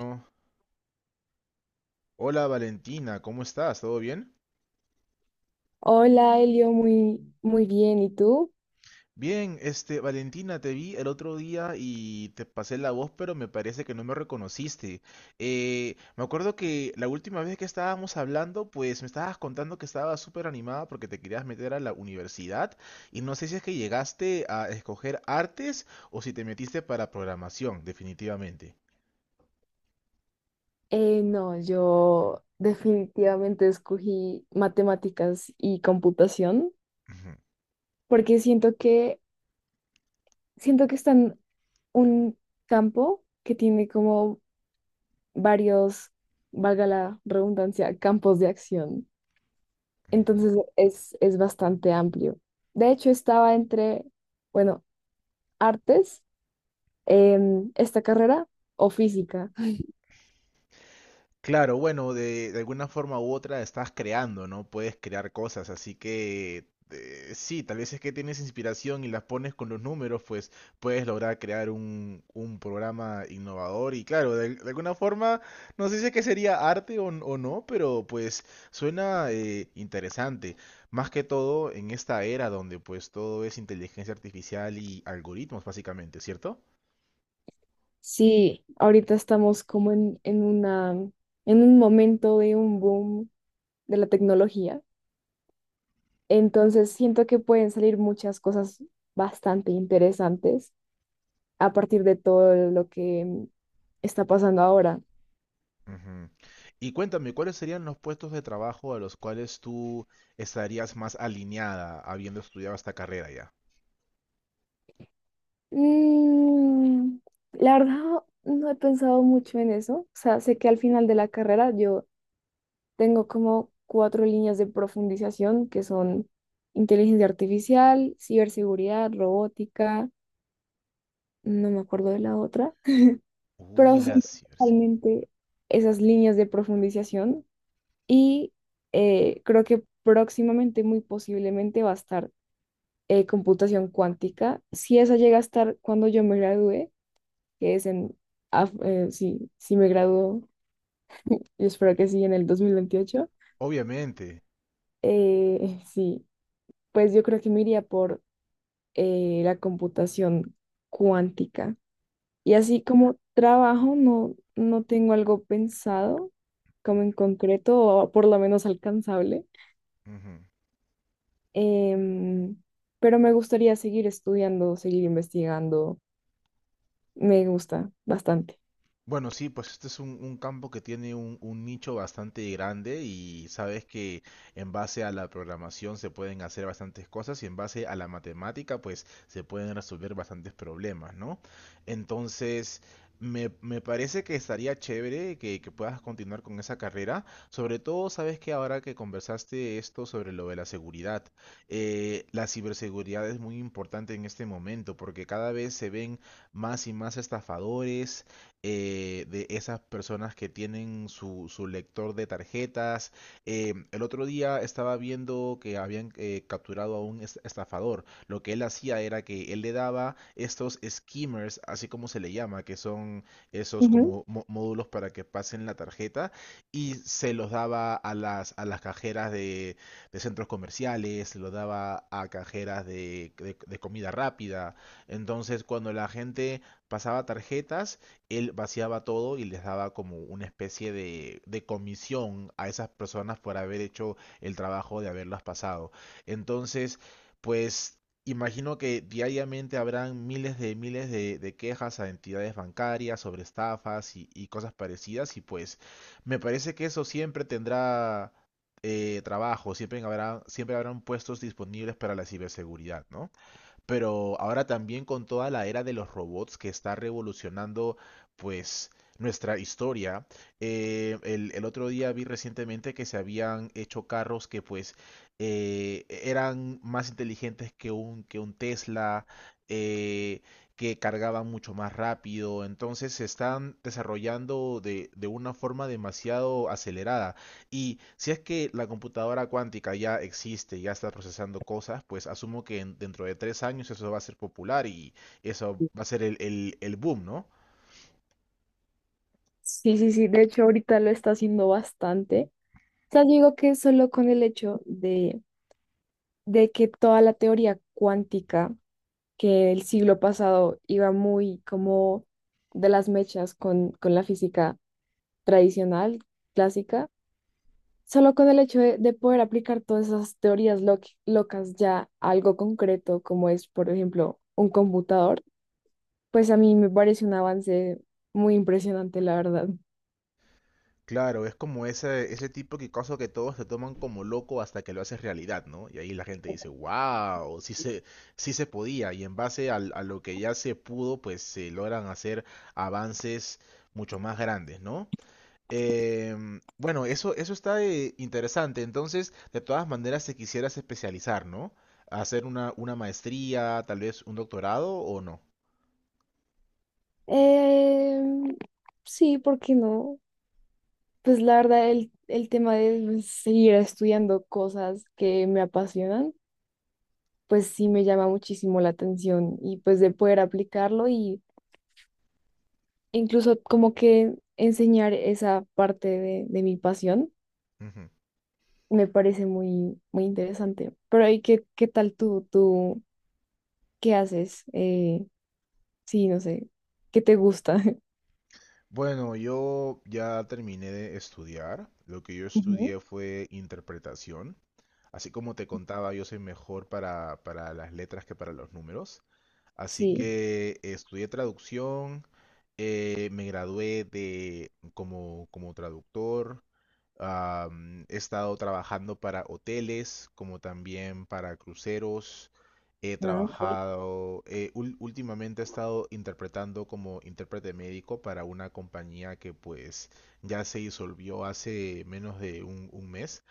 No. Hola Valentina, ¿cómo estás? ¿Todo bien? Hola, Elio, muy, muy bien. ¿Y tú? Bien, Valentina, te vi el otro día y te pasé la voz, pero me parece que no me reconociste. Me acuerdo que la última vez que estábamos hablando, pues me estabas contando que estabas súper animada porque te querías meter a la universidad y no sé si es que llegaste a escoger artes o si te metiste para programación, definitivamente. No, yo definitivamente escogí matemáticas y computación Ujú, porque siento que están un campo que tiene como varios, valga la redundancia, campos de acción. ujú. Entonces es bastante amplio. De hecho, estaba entre, bueno, artes, esta carrera o física. Claro, bueno, de alguna forma u otra estás creando, ¿no? Puedes crear cosas, así que sí, tal vez es que tienes inspiración y las pones con los números, pues puedes lograr crear un programa innovador y claro, de alguna forma, no sé si es que sería arte o no, pero pues suena interesante. Más que todo en esta era donde pues todo es inteligencia artificial y algoritmos, básicamente, ¿cierto? Sí, ahorita estamos como en un momento de un boom de la tecnología. Entonces siento que pueden salir muchas cosas bastante interesantes a partir de todo lo que está pasando ahora. Ujú. Y cuéntame, ¿cuáles serían los puestos de trabajo a los cuales tú estarías más alineada habiendo estudiado esta carrera ya? Mm, la verdad, no he pensado mucho en eso. O sea, sé que al final de la carrera yo tengo como cuatro líneas de profundización que son inteligencia artificial, ciberseguridad, robótica, no me acuerdo de la otra, Uy, pero la son ciberseguridad. principalmente esas líneas de profundización y creo que próximamente, muy posiblemente, va a estar computación cuántica. Si esa llega a estar cuando yo me gradúe, que es en, sí, si me gradúo, yo espero que sí, en el 2028, Obviamente. Sí, pues yo creo que me iría por la computación cuántica. Y así como trabajo, no, no tengo algo pensado, como en concreto, o por lo menos alcanzable. Ujú. Em, pero me gustaría seguir estudiando, seguir investigando. Me gusta bastante. Bueno, sí, pues este es un campo que tiene un nicho bastante grande y sabes que en base a la programación se pueden hacer bastantes cosas y en base a la matemática pues se pueden resolver bastantes problemas, ¿no? Entonces, me parece que estaría chévere que puedas continuar con esa carrera, sobre todo sabes que ahora que conversaste esto sobre lo de la seguridad, la ciberseguridad es muy importante en este momento porque cada vez se ven más y más estafadores de esas personas que tienen su lector de tarjetas. El otro día estaba viendo que habían capturado a un estafador. Lo que él hacía era que él le daba estos skimmers, así como se le llama, que son esos Ujú. como módulos para que pasen la tarjeta, y se los daba a a las cajeras de centros comerciales, se los daba a cajeras de comida rápida. Entonces, cuando la gente pasaba tarjetas, él vaciaba todo y les daba como una especie de comisión a esas personas por haber hecho el trabajo de haberlas pasado. Entonces, pues imagino que diariamente habrán miles de quejas a entidades bancarias sobre estafas y cosas parecidas y pues me parece que eso siempre tendrá trabajo, siempre habrá, siempre habrán puestos disponibles para la ciberseguridad, ¿no? Pero ahora también con toda la era de los robots que está revolucionando, pues, nuestra historia. El otro día vi recientemente que se habían hecho carros que, pues, eran más inteligentes que que un Tesla, eh, que cargaban mucho más rápido. Entonces se están desarrollando de una forma demasiado acelerada. Y si es que la computadora cuántica ya existe, ya está procesando cosas, pues asumo que dentro de 3 años eso va a ser popular y eso va a ser el boom, ¿no? Sí, sí, sí. De hecho, ahorita lo está haciendo bastante. O sea, digo que solo con el hecho de que toda la teoría cuántica, que el siglo pasado iba muy como de las mechas con la física tradicional, clásica, solo con el hecho de poder aplicar todas esas teorías locas ya a algo concreto, como es, por ejemplo, un computador, pues a mí me parece un avance muy impresionante, la verdad. Claro, es como ese tipo de caso que todos te toman como loco hasta que lo haces realidad, ¿no? Y ahí la gente dice, wow, sí se podía. Y en base a lo que ya se pudo, pues se logran hacer avances mucho más grandes, ¿no? Bueno, eso está interesante. Entonces, de todas maneras, te quisieras especializar, ¿no? Hacer una maestría, tal vez un doctorado o no. Em, sí, ¿por qué no? Pues la verdad, el tema de seguir estudiando cosas que me apasionan, pues sí me llama muchísimo la atención y pues de poder aplicarlo y e incluso como que enseñar esa parte de mi pasión. Ujú. Me parece muy, muy interesante. Pero ¿y qué, qué tal tú? ¿Tú qué haces? Sí, no sé. ¿Qué te gusta? Bueno, yo ya terminé de estudiar. Lo que yo Ujú. estudié fue interpretación. Así como te contaba, yo soy mejor para las letras que para los números. Así Sí. que estudié traducción, me gradué de, como, como traductor, he estado trabajando para hoteles, como también para cruceros, he Ah, ok. trabajado, últimamente he estado interpretando como intérprete médico para una compañía que pues ya se disolvió hace menos de un mes.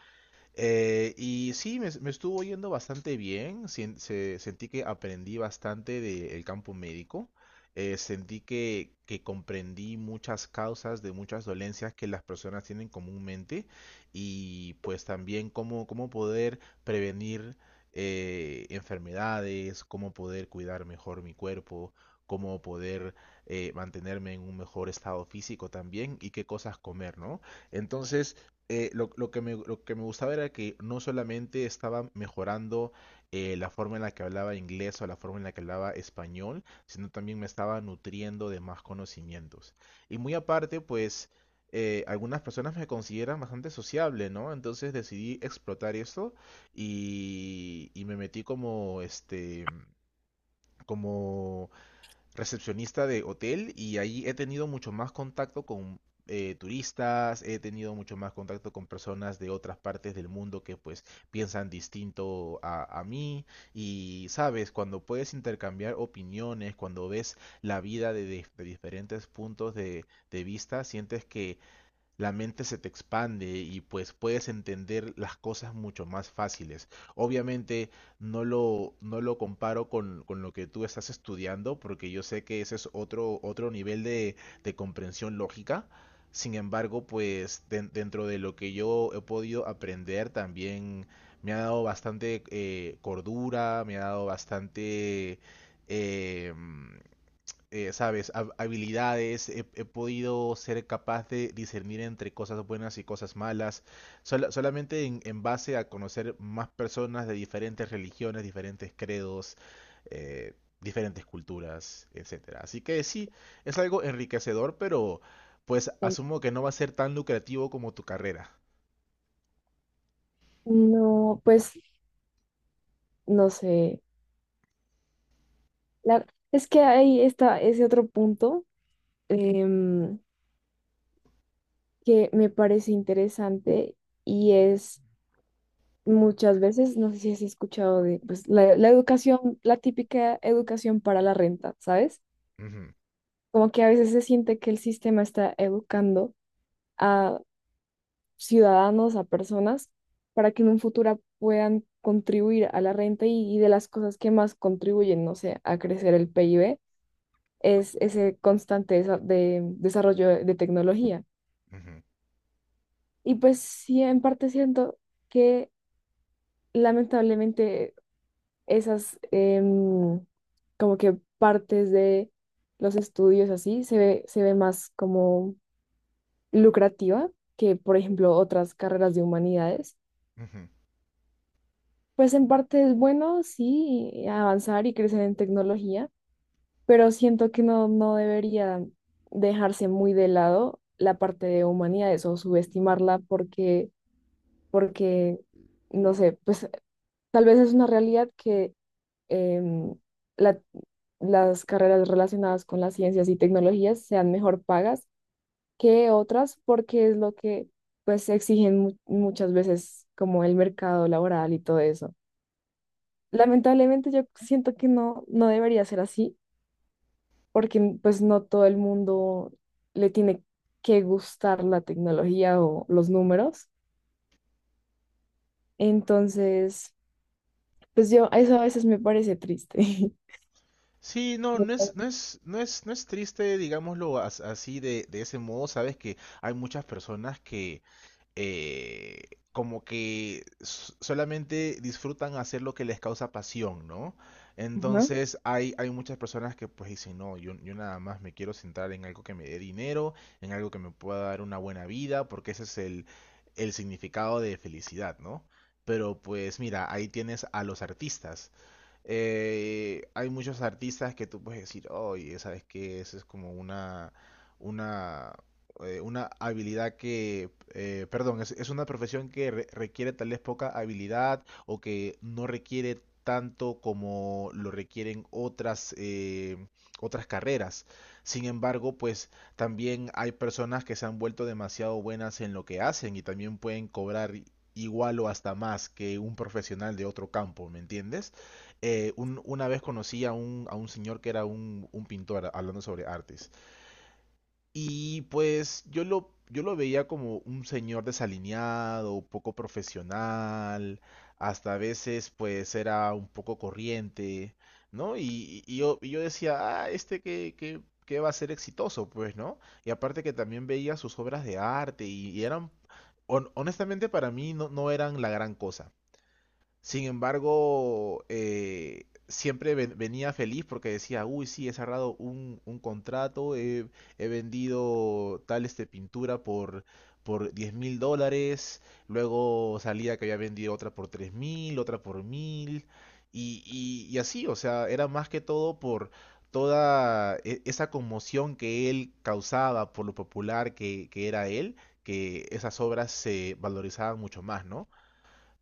Y sí, me estuvo yendo bastante bien. Sentí que aprendí bastante del campo médico. Sentí que comprendí muchas causas de muchas dolencias que las personas tienen comúnmente y pues también cómo, cómo poder prevenir enfermedades, cómo poder cuidar mejor mi cuerpo, cómo poder mantenerme en un mejor estado físico también y qué cosas comer, ¿no? Entonces lo que lo que me gustaba era que no solamente estaba mejorando la forma en la que hablaba inglés o la forma en la que hablaba español, sino también me estaba nutriendo de más conocimientos. Y muy aparte, pues algunas personas me consideran bastante sociable, ¿no? Entonces decidí explotar eso y me metí como, este, como recepcionista de hotel y ahí he tenido mucho más contacto con turistas, he tenido mucho más contacto con personas de otras partes del mundo que pues piensan distinto a mí y sabes, cuando puedes intercambiar opiniones, cuando ves la vida de diferentes puntos de vista, sientes que la mente se te expande y pues puedes entender las cosas mucho más fáciles. Obviamente no lo comparo con lo que tú estás estudiando porque yo sé que ese es otro, otro nivel de comprensión lógica. Sin embargo, pues dentro de lo que yo he podido aprender también me ha dado bastante cordura, me ha dado bastante... em, sabes, habilidades, he podido ser capaz de discernir entre cosas buenas y cosas malas, solamente en base a conocer más personas de diferentes religiones, diferentes credos, eh, diferentes culturas, etcétera. Así que sí, es algo enriquecedor, pero pues Bueno, asumo que no va a ser tan lucrativo como tu carrera. no, pues no sé. La- es que ahí está ese otro punto, em, que me parece interesante y es muchas veces, no sé si has escuchado de pues, la educación, la típica educación para la renta, ¿sabes? Ujú, Como que a veces se siente que el sistema está educando a ciudadanos, a personas, para que en un futuro puedan contribuir a la renta y de las cosas que más contribuyen, no sé, a crecer el PIB, es ese constante desarrollo de tecnología. ujú, Y pues sí, en parte siento que lamentablemente esas como que partes de los estudios así se ve más como lucrativa que, por ejemplo, otras carreras de humanidades. ujú. Pues en parte es bueno, sí, avanzar y crecer en tecnología, pero siento que no, no debería dejarse muy de lado la parte de humanidades o subestimarla porque, porque, no sé, pues tal vez es una realidad que em, la- las carreras relacionadas con las ciencias y tecnologías sean mejor pagas que otras porque es lo que pues exigen muchas veces como el mercado laboral y todo eso. Lamentablemente yo siento que no, no debería ser así, porque pues no todo el mundo le tiene que gustar la tecnología o los números. Entonces, pues yo, eso a veces me parece triste. Sí, no es triste, digámoslo así de ese modo. Sabes que hay muchas personas que eh, como que solamente disfrutan hacer lo que les causa pasión, ¿no? Ajá. Entonces hay muchas personas que pues dicen, no, yo nada más me quiero centrar en algo que me dé dinero, en algo que me pueda dar una buena vida, porque ese es el significado de felicidad, ¿no? Pero pues mira, ahí tienes a los artistas hay muchos artistas que tú puedes decir, oye, ¿sabes qué? Esa es como una, una habilidad que, perdón, es una profesión que requiere tal vez poca habilidad o que no requiere tanto como lo requieren otras, otras carreras. Sin embargo, pues también hay personas que se han vuelto demasiado buenas en lo que hacen y también pueden cobrar igual o hasta más que un profesional de otro campo, ¿me entiendes? Un- una vez conocí a un señor que era un pintor hablando sobre artes. Y pues yo lo veía como un señor desalineado, poco profesional, hasta a veces pues era un poco corriente, ¿no? Y yo decía, ah, este que va a ser exitoso, pues, ¿no? Y aparte que también veía sus obras de arte y eran, honestamente para mí no eran la gran cosa. Sin embargo, siempre venía feliz porque decía, uy, sí, he cerrado un contrato, he vendido tal este pintura por $10,000, luego salía que había vendido otra por 3 mil, otra por mil, y así, o sea, era más que todo por toda esa conmoción que él causaba por lo popular que era él, que esas obras se valorizaban mucho más, ¿no?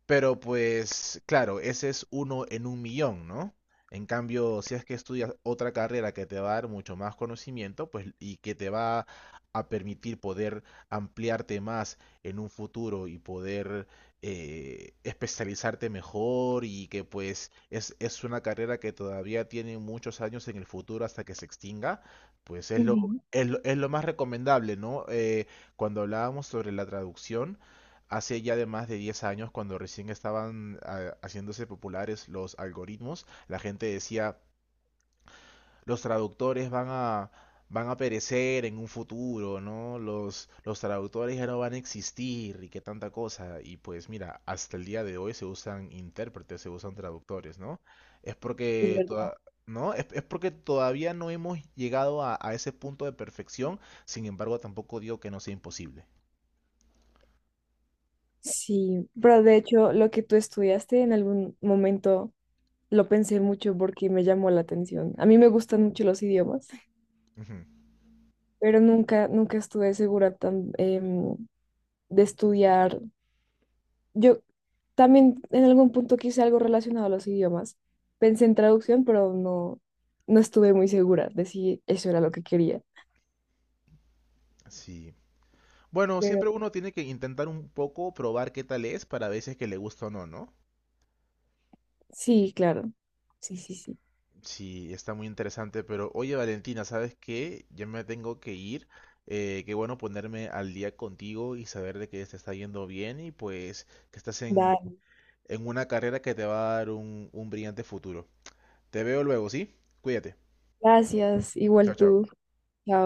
Pero pues, claro, ese es uno en un millón, ¿no? En cambio, si es que estudias otra carrera que te va a dar mucho más conocimiento, pues, y que te va a permitir poder ampliarte más en un futuro y poder especializarte mejor y que pues es una carrera que todavía tiene muchos años en el futuro hasta que se extinga, pues Ujú. Es lo más recomendable, ¿no? Cuando hablábamos sobre la traducción, hace ya de más de 10 años, cuando recién estaban ah, haciéndose populares los algoritmos, la gente decía, los traductores van a perecer en un futuro, ¿no? Los traductores ya no van a existir y qué tanta cosa. Y pues mira, hasta el día de hoy se usan intérpretes, se usan traductores, ¿no? Es Es porque verdad. toda- ¿No? Es porque todavía no hemos llegado a ese punto de perfección, sin embargo tampoco digo que no sea imposible. Sí, pero de hecho lo que tú estudiaste en algún momento lo pensé mucho porque me llamó la atención. A mí me gustan mucho los idiomas, Ujú. pero nunca, nunca estuve segura tan, de estudiar. Yo también en algún punto quise algo relacionado a los idiomas. Pensé en traducción, pero no, no estuve muy segura de si eso era lo que quería. Sí. Bueno, Pero siempre uno tiene que intentar un poco probar qué tal es para veces que le gusta o no, ¿no? sí, claro. Sí, sí, sí. Sí, está muy interesante, pero oye Valentina, ¿sabes qué? Ya me tengo que ir. Qué bueno ponerme al día contigo y saber de que te está yendo bien y pues que estás Dale. en una carrera que te va a dar un brillante futuro. Te veo luego, ¿sí? Cuídate. Gracias. Chao, Igual chao. tú. Chao.